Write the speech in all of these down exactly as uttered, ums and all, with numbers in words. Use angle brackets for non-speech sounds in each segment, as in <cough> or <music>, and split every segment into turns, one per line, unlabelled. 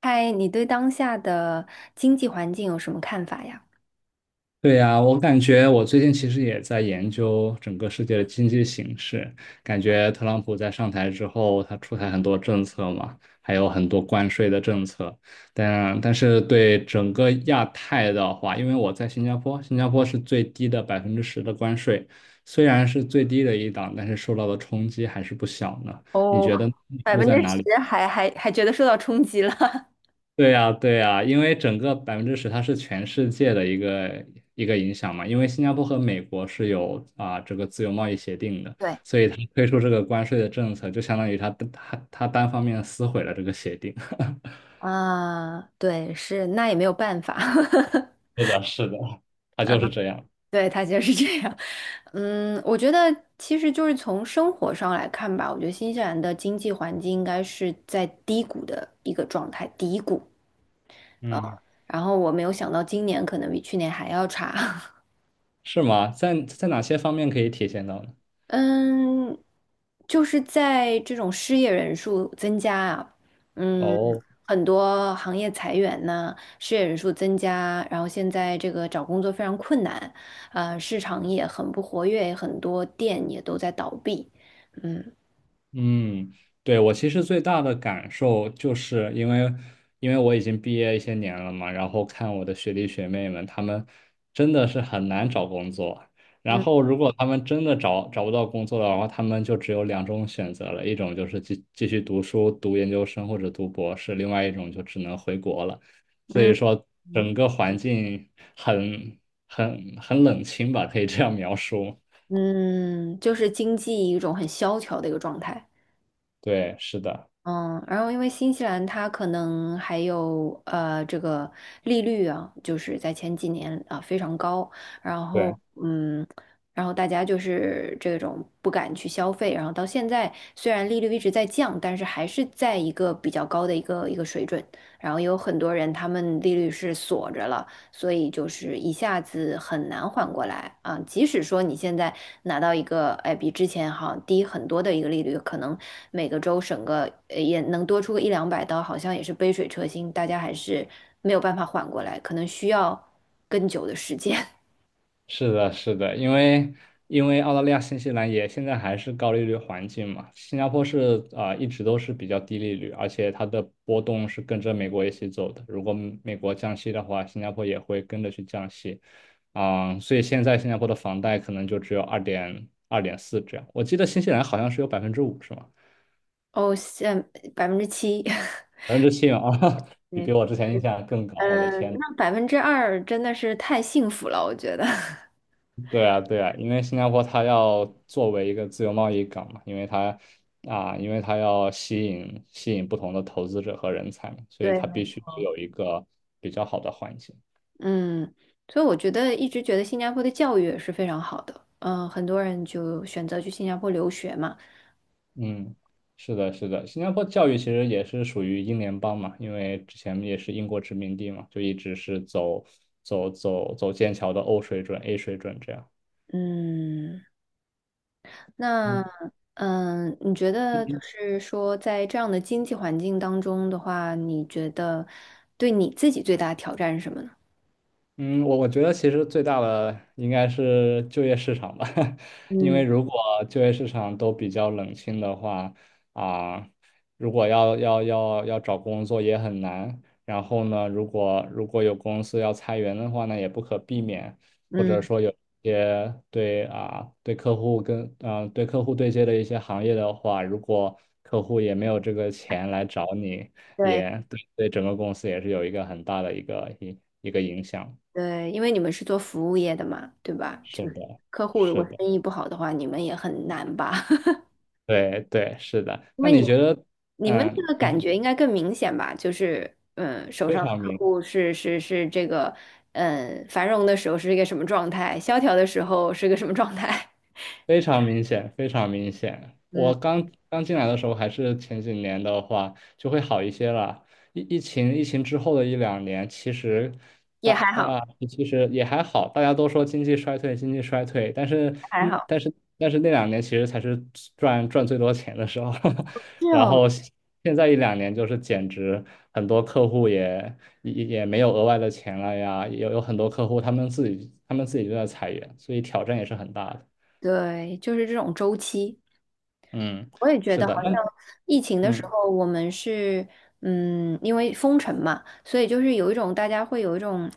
嗨，你对当下的经济环境有什么看法呀？
对呀，我感觉我最近其实也在研究整个世界的经济形势，感觉特朗普在上台之后，他出台很多政策嘛，还有很多关税的政策，但但是对整个亚太的话，因为我在新加坡，新加坡是最低的百分之十的关税，虽然是最低的一档，但是受到的冲击还是不小呢。你
哦，
觉得你
百
住
分之
在哪里？
十还还还觉得受到冲击了。 <laughs>
对呀，对呀，因为整个百分之十它是全世界的一个一个影响嘛，因为新加坡和美国是有啊、这个自由贸易协定的，
对。
所以它推出这个关税的政策，就相当于它它它单方面撕毁了这个协定。<laughs>
啊？对，是，那也没有办法。
是的，是的，它就是这样。
<laughs> 对，他就是这样。嗯，我觉得其实就是从生活上来看吧，我觉得新西兰的经济环境应该是在低谷的一个状态，低谷。啊。
嗯，
然后我没有想到今年可能比去年还要差。
是吗？在在哪些方面可以体现到呢？
嗯，就是在这种失业人数增加啊。嗯。
哦。
很多行业裁员呐，失业人数增加，然后现在这个找工作非常困难，呃，市场也很不活跃，很多店也都在倒闭。嗯
嗯，对，我其实最大的感受就是因为，因为我已经毕业一些年了嘛，然后看我的学弟学妹们，他们真的是很难找工作。然
嗯
后，如果他们真的找找不到工作的话，他们就只有两种选择了，一种就是继继续读书，读研究生或者读博士，另外一种就只能回国了。所
嗯
以说，
嗯。
整个环境很很很冷清吧，可以这样描述。
嗯就是经济一种很萧条的一个状态。
对，是的。
嗯，然后因为新西兰它可能还有呃这个利率啊，就是在前几年啊、非常高。然后
对。
嗯，然后大家就是这种不敢去消费，然后到现在虽然利率一直在降，但是还是在一个比较高的一个一个水准。然后有很多人他们利率是锁着了，所以就是一下子很难缓过来啊。即使说你现在拿到一个，哎，比之前好像低很多的一个利率，可能每个州省个呃也能多出个一两百刀，好像也是杯水车薪，大家还是没有办法缓过来，可能需要更久的时间。<laughs>
是的，是的，因为因为澳大利亚、新西兰也现在还是高利率环境嘛，新加坡是啊、一直都是比较低利率，而且它的波动是跟着美国一起走的。如果美国降息的话，新加坡也会跟着去降息，啊、所以现在新加坡的房贷可能就只有二点二点四这样。我记得新西兰好像是有百分之五是吗？
哦，现百分之七。
百分之七啊，<laughs>
<laughs>
比
对。
比我之前印象更高，我的
嗯，
天！
那百分之二真的是太幸福了，我觉得。<laughs>
对啊，对啊，因为新加坡它要作为一个自由贸易港嘛，因为它啊，因为它要吸引吸引不同的投资者和人才嘛，所以
对。
它必须有一个比较好的环境。
嗯，所以我觉得一直觉得新加坡的教育也是非常好的，嗯，很多人就选择去新加坡留学嘛。
嗯，是的，是的，新加坡教育其实也是属于英联邦嘛，因为之前也是英国殖民地嘛，就一直是走走走走剑桥的 O 水准、A 水准这样。
嗯。那
嗯
嗯，你觉得就是说在这样的经济环境当中的话，你觉得对你自己最大的挑战是什么呢？
嗯，我我觉得其实最大的应该是就业市场吧，<laughs> 因为
嗯
如果就业市场都比较冷清的话，啊、如果要要要要找工作也很难。然后呢，如果如果有公司要裁员的话呢，也不可避免，或者
嗯。
说有一些对啊、对客户跟啊、对客户对接的一些行业的话，如果客户也没有这个钱来找你，
对
也对对整个公司也是有一个很大的一个一一个影响。
对，因为你们是做服务业的嘛，对吧？
是
就是
的，
客户如果
是的，
生意不好的话，你们也很难吧？<laughs>
对对，是的。
因
那
为你
你
们
觉得，
你们这
嗯，
个感觉应该更明显吧？就是，嗯，手
非
上的
常
客
明。
户是是是这个，嗯，繁荣的时候是一个什么状态，萧条的时候是个什么状态？
非常明显，非常明显。
<laughs> 嗯，
我刚刚进来的时候，还是前几年的话，就会好一些了。疫疫情疫情之后的一两年，其实大
也还
大
好，
家其实也还好，大家都说经济衰退，经济衰退，但是
还
嗯，
好。
但是但是那两年其实才是赚赚最多钱的时候，
是
<laughs> 然
哦。
后现在一两年就是简直很多客户也也也没有额外的钱了呀，有有很多客户他们自己他们自己就在裁员，所以挑战也是很大的。
对，就是这种周期。
嗯，
我也觉
是
得好
的，那
像疫情的时
嗯，
候，我们是嗯，因为封城嘛，所以就是有一种大家会有一种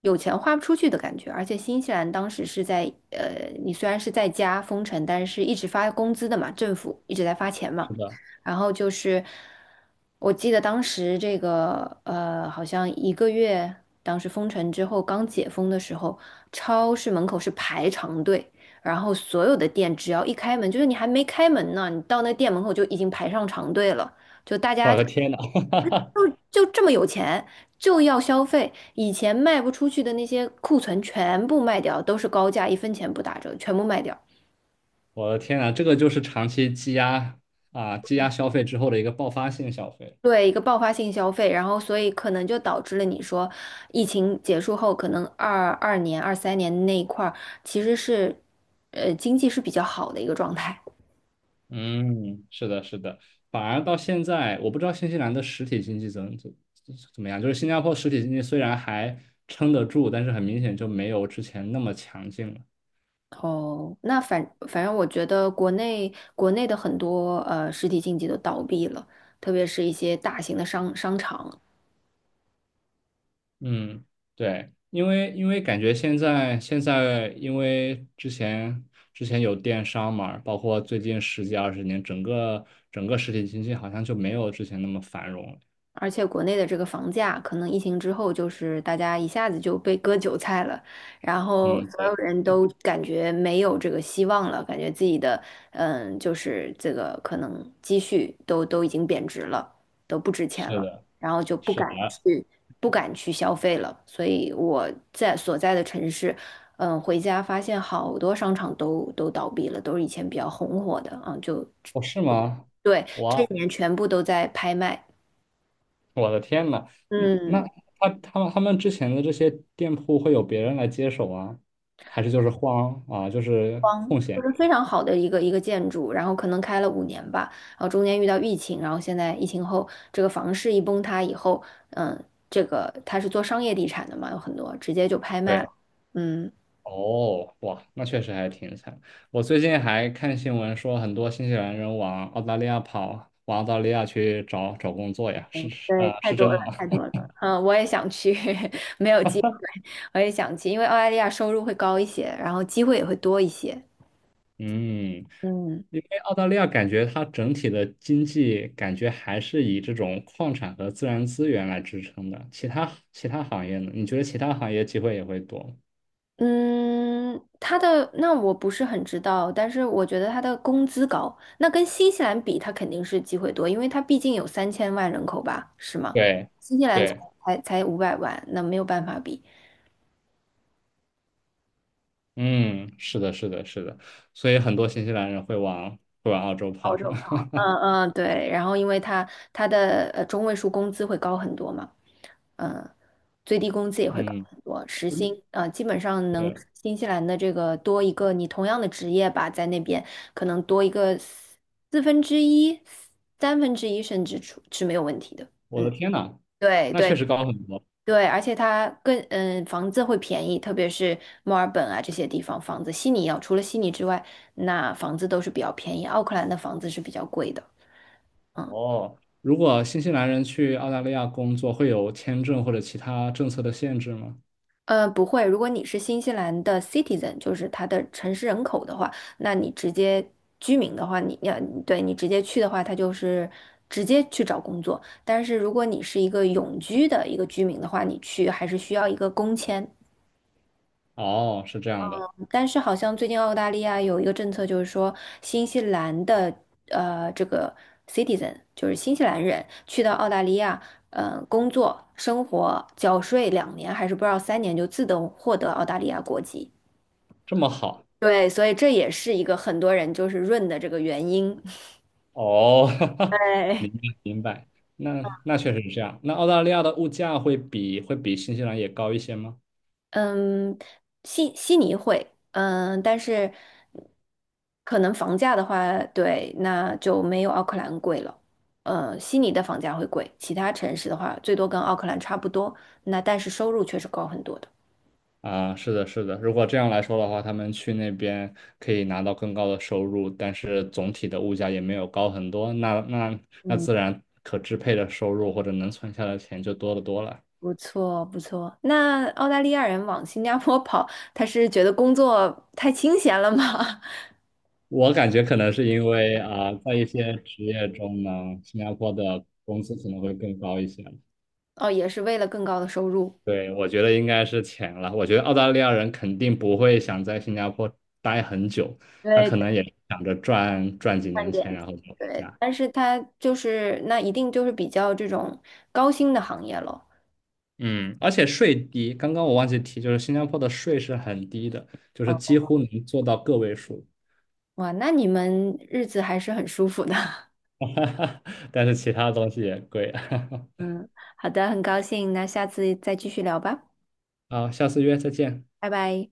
有钱花不出去的感觉。而且新西兰当时是在呃，你虽然是在家封城，但是一直发工资的嘛，政府一直在发钱嘛。
是的，
然后就是我记得当时这个呃，好像一个月，当时封城之后刚解封的时候，超市门口是排长队。然后所有的店只要一开门，就是你还没开门呢，你到那店门口就已经排上长队了，就大家
我的天呐，<laughs>
就这么有钱，就要消费。以前卖不出去的那些库存全部卖掉，都是高价，一分钱不打折，全部卖掉。
我的天呐，这个就是长期积压啊，积压消费之后的一个爆发性消费。
对，一个爆发性消费，然后所以可能就导致了你说，疫情结束后，可能二二年、二三年那一块儿其实是，呃，经济是比较好的一个状态。
嗯，是的，是的，反而到现在，我不知道新西兰的实体经济怎怎怎么样，就是新加坡实体经济虽然还撑得住，但是很明显就没有之前那么强劲了。
哦，那反反正我觉得国内国内的很多呃实体经济都倒闭了，特别是一些大型的商商场，
嗯，对，因为因为感觉现在现在因为之前之前有电商嘛，包括最近十几二十年，整个整个实体经济好像就没有之前那么繁荣了。
而且国内的这个房价，可能疫情之后就是大家一下子就被割韭菜了，然后
嗯，
所有
对，
人都感觉没有这个希望了，感觉自己的嗯，就是这个可能积蓄都都已经贬值了，都不值钱
是
了，
的，
然后就不
是
敢
的。
去不敢去消费了。所以我在所在的城市，嗯，回家发现好多商场都都倒闭了，都是以前比较红火的嗯，就
哦，是吗？
对，这
哇，
一年全部都在拍卖。
我的天呐，嗯，那
嗯。
他他们他们之前的这些店铺会有别人来接手啊，还是就是荒啊，就是空
就
闲
是
着？
非常好的一个一个建筑，然后可能开了五年吧，然后中间遇到疫情，然后现在疫情后这个房市一崩塌以后，嗯，这个它是做商业地产的嘛，有很多直接就拍卖了。嗯。
哦，哇，那确实还挺惨。我最近还看新闻说，很多新西兰人往澳大利亚跑，往澳大利亚去找找工作呀，是是
对，
呃
太
是
多
真
了，
的吗？
太多了。嗯，我也想去。<laughs> 没有机会。我也想去，因为澳大利亚收入会高一些，然后机会也会多一些。
<laughs> 嗯，
嗯。
因为澳大利亚感觉它整体的经济感觉还是以这种矿产和自然资源来支撑的，其他其他行业呢？你觉得其他行业机会也会多吗？
嗯，他的那我不是很知道，但是我觉得他的工资高，那跟新西兰比，他肯定是机会多，因为他毕竟有三千万人口吧，是吗？
对
新西兰才
对，
才才五百万，那没有办法比
嗯，是的，是的，是的，所以很多新西兰人会往会往澳洲
澳
跑，
洲
是吗？
高。
<laughs>
嗯嗯。对，然后因为他他的呃中位数工资会高很多嘛。嗯，最低工资也会高
嗯。
很多，时薪呃基本上能
对
新西兰的这个多一个你同样的职业吧，在那边可能多一个四四分之一、三分之一甚至出是没有问题的。
我
嗯，
的天呐，
对
那确
对
实高很多
对，而且它更嗯房子会便宜，特别是墨尔本啊这些地方房子，悉尼要除了悉尼之外，那房子都是比较便宜，奥克兰的房子是比较贵的。嗯。
哦。如果新西兰人去澳大利亚工作，会有签证或者其他政策的限制吗？
呃，不会。如果你是新西兰的 citizen,就是它的城市人口的话，那你直接居民的话，你要对你直接去的话，它就是直接去找工作。但是如果你是一个永居的一个居民的话，你去还是需要一个工签。
哦，是这样的，
但是好像最近澳大利亚有一个政策，就是说新西兰的呃这个 citizen,就是新西兰人去到澳大利亚，呃，工作、生活、缴税两年，还是不知道三年，就自动获得澳大利亚国籍。
这么好
对，所以这也是一个很多人就是润的这个原因。
哦，<laughs>
对。
明白明白。那那确实是这样。那澳大利亚的物价会比会比新西兰也高一些吗？
嗯，悉悉尼会，嗯，但是可能房价的话，对，那就没有奥克兰贵了。呃，悉尼的房价会贵，其他城市的话，最多跟奥克兰差不多。那但是收入确实高很多的。
啊，是的，是的。如果这样来说的话，他们去那边可以拿到更高的收入，但是总体的物价也没有高很多，那那那
嗯，
自然可支配的收入或者能存下的钱就多得多了。
不错，不错。那澳大利亚人往新加坡跑，他是觉得工作太清闲了吗？<laughs>
我感觉可能是因为啊，在一些职业中呢，新加坡的工资可能会更高一些。
哦，也是为了更高的收入。
对，我觉得应该是钱了。我觉得澳大利亚人肯定不会想在新加坡待很久，他可
对。
能也想着赚赚几
看
年钱，
点，
然后就回
对，
家。
但是它就是那一定就是比较这种高薪的行业咯。
嗯，而且税低，刚刚我忘记提，就是新加坡的税是很低的，就是几
哦，
乎能做到个位数，
哇，那你们日子还是很舒服的。<laughs>
<laughs> 但是其他东西也贵。<laughs>
嗯，好的，很高兴，那下次再继续聊吧，
好，下次约，再见。
拜拜。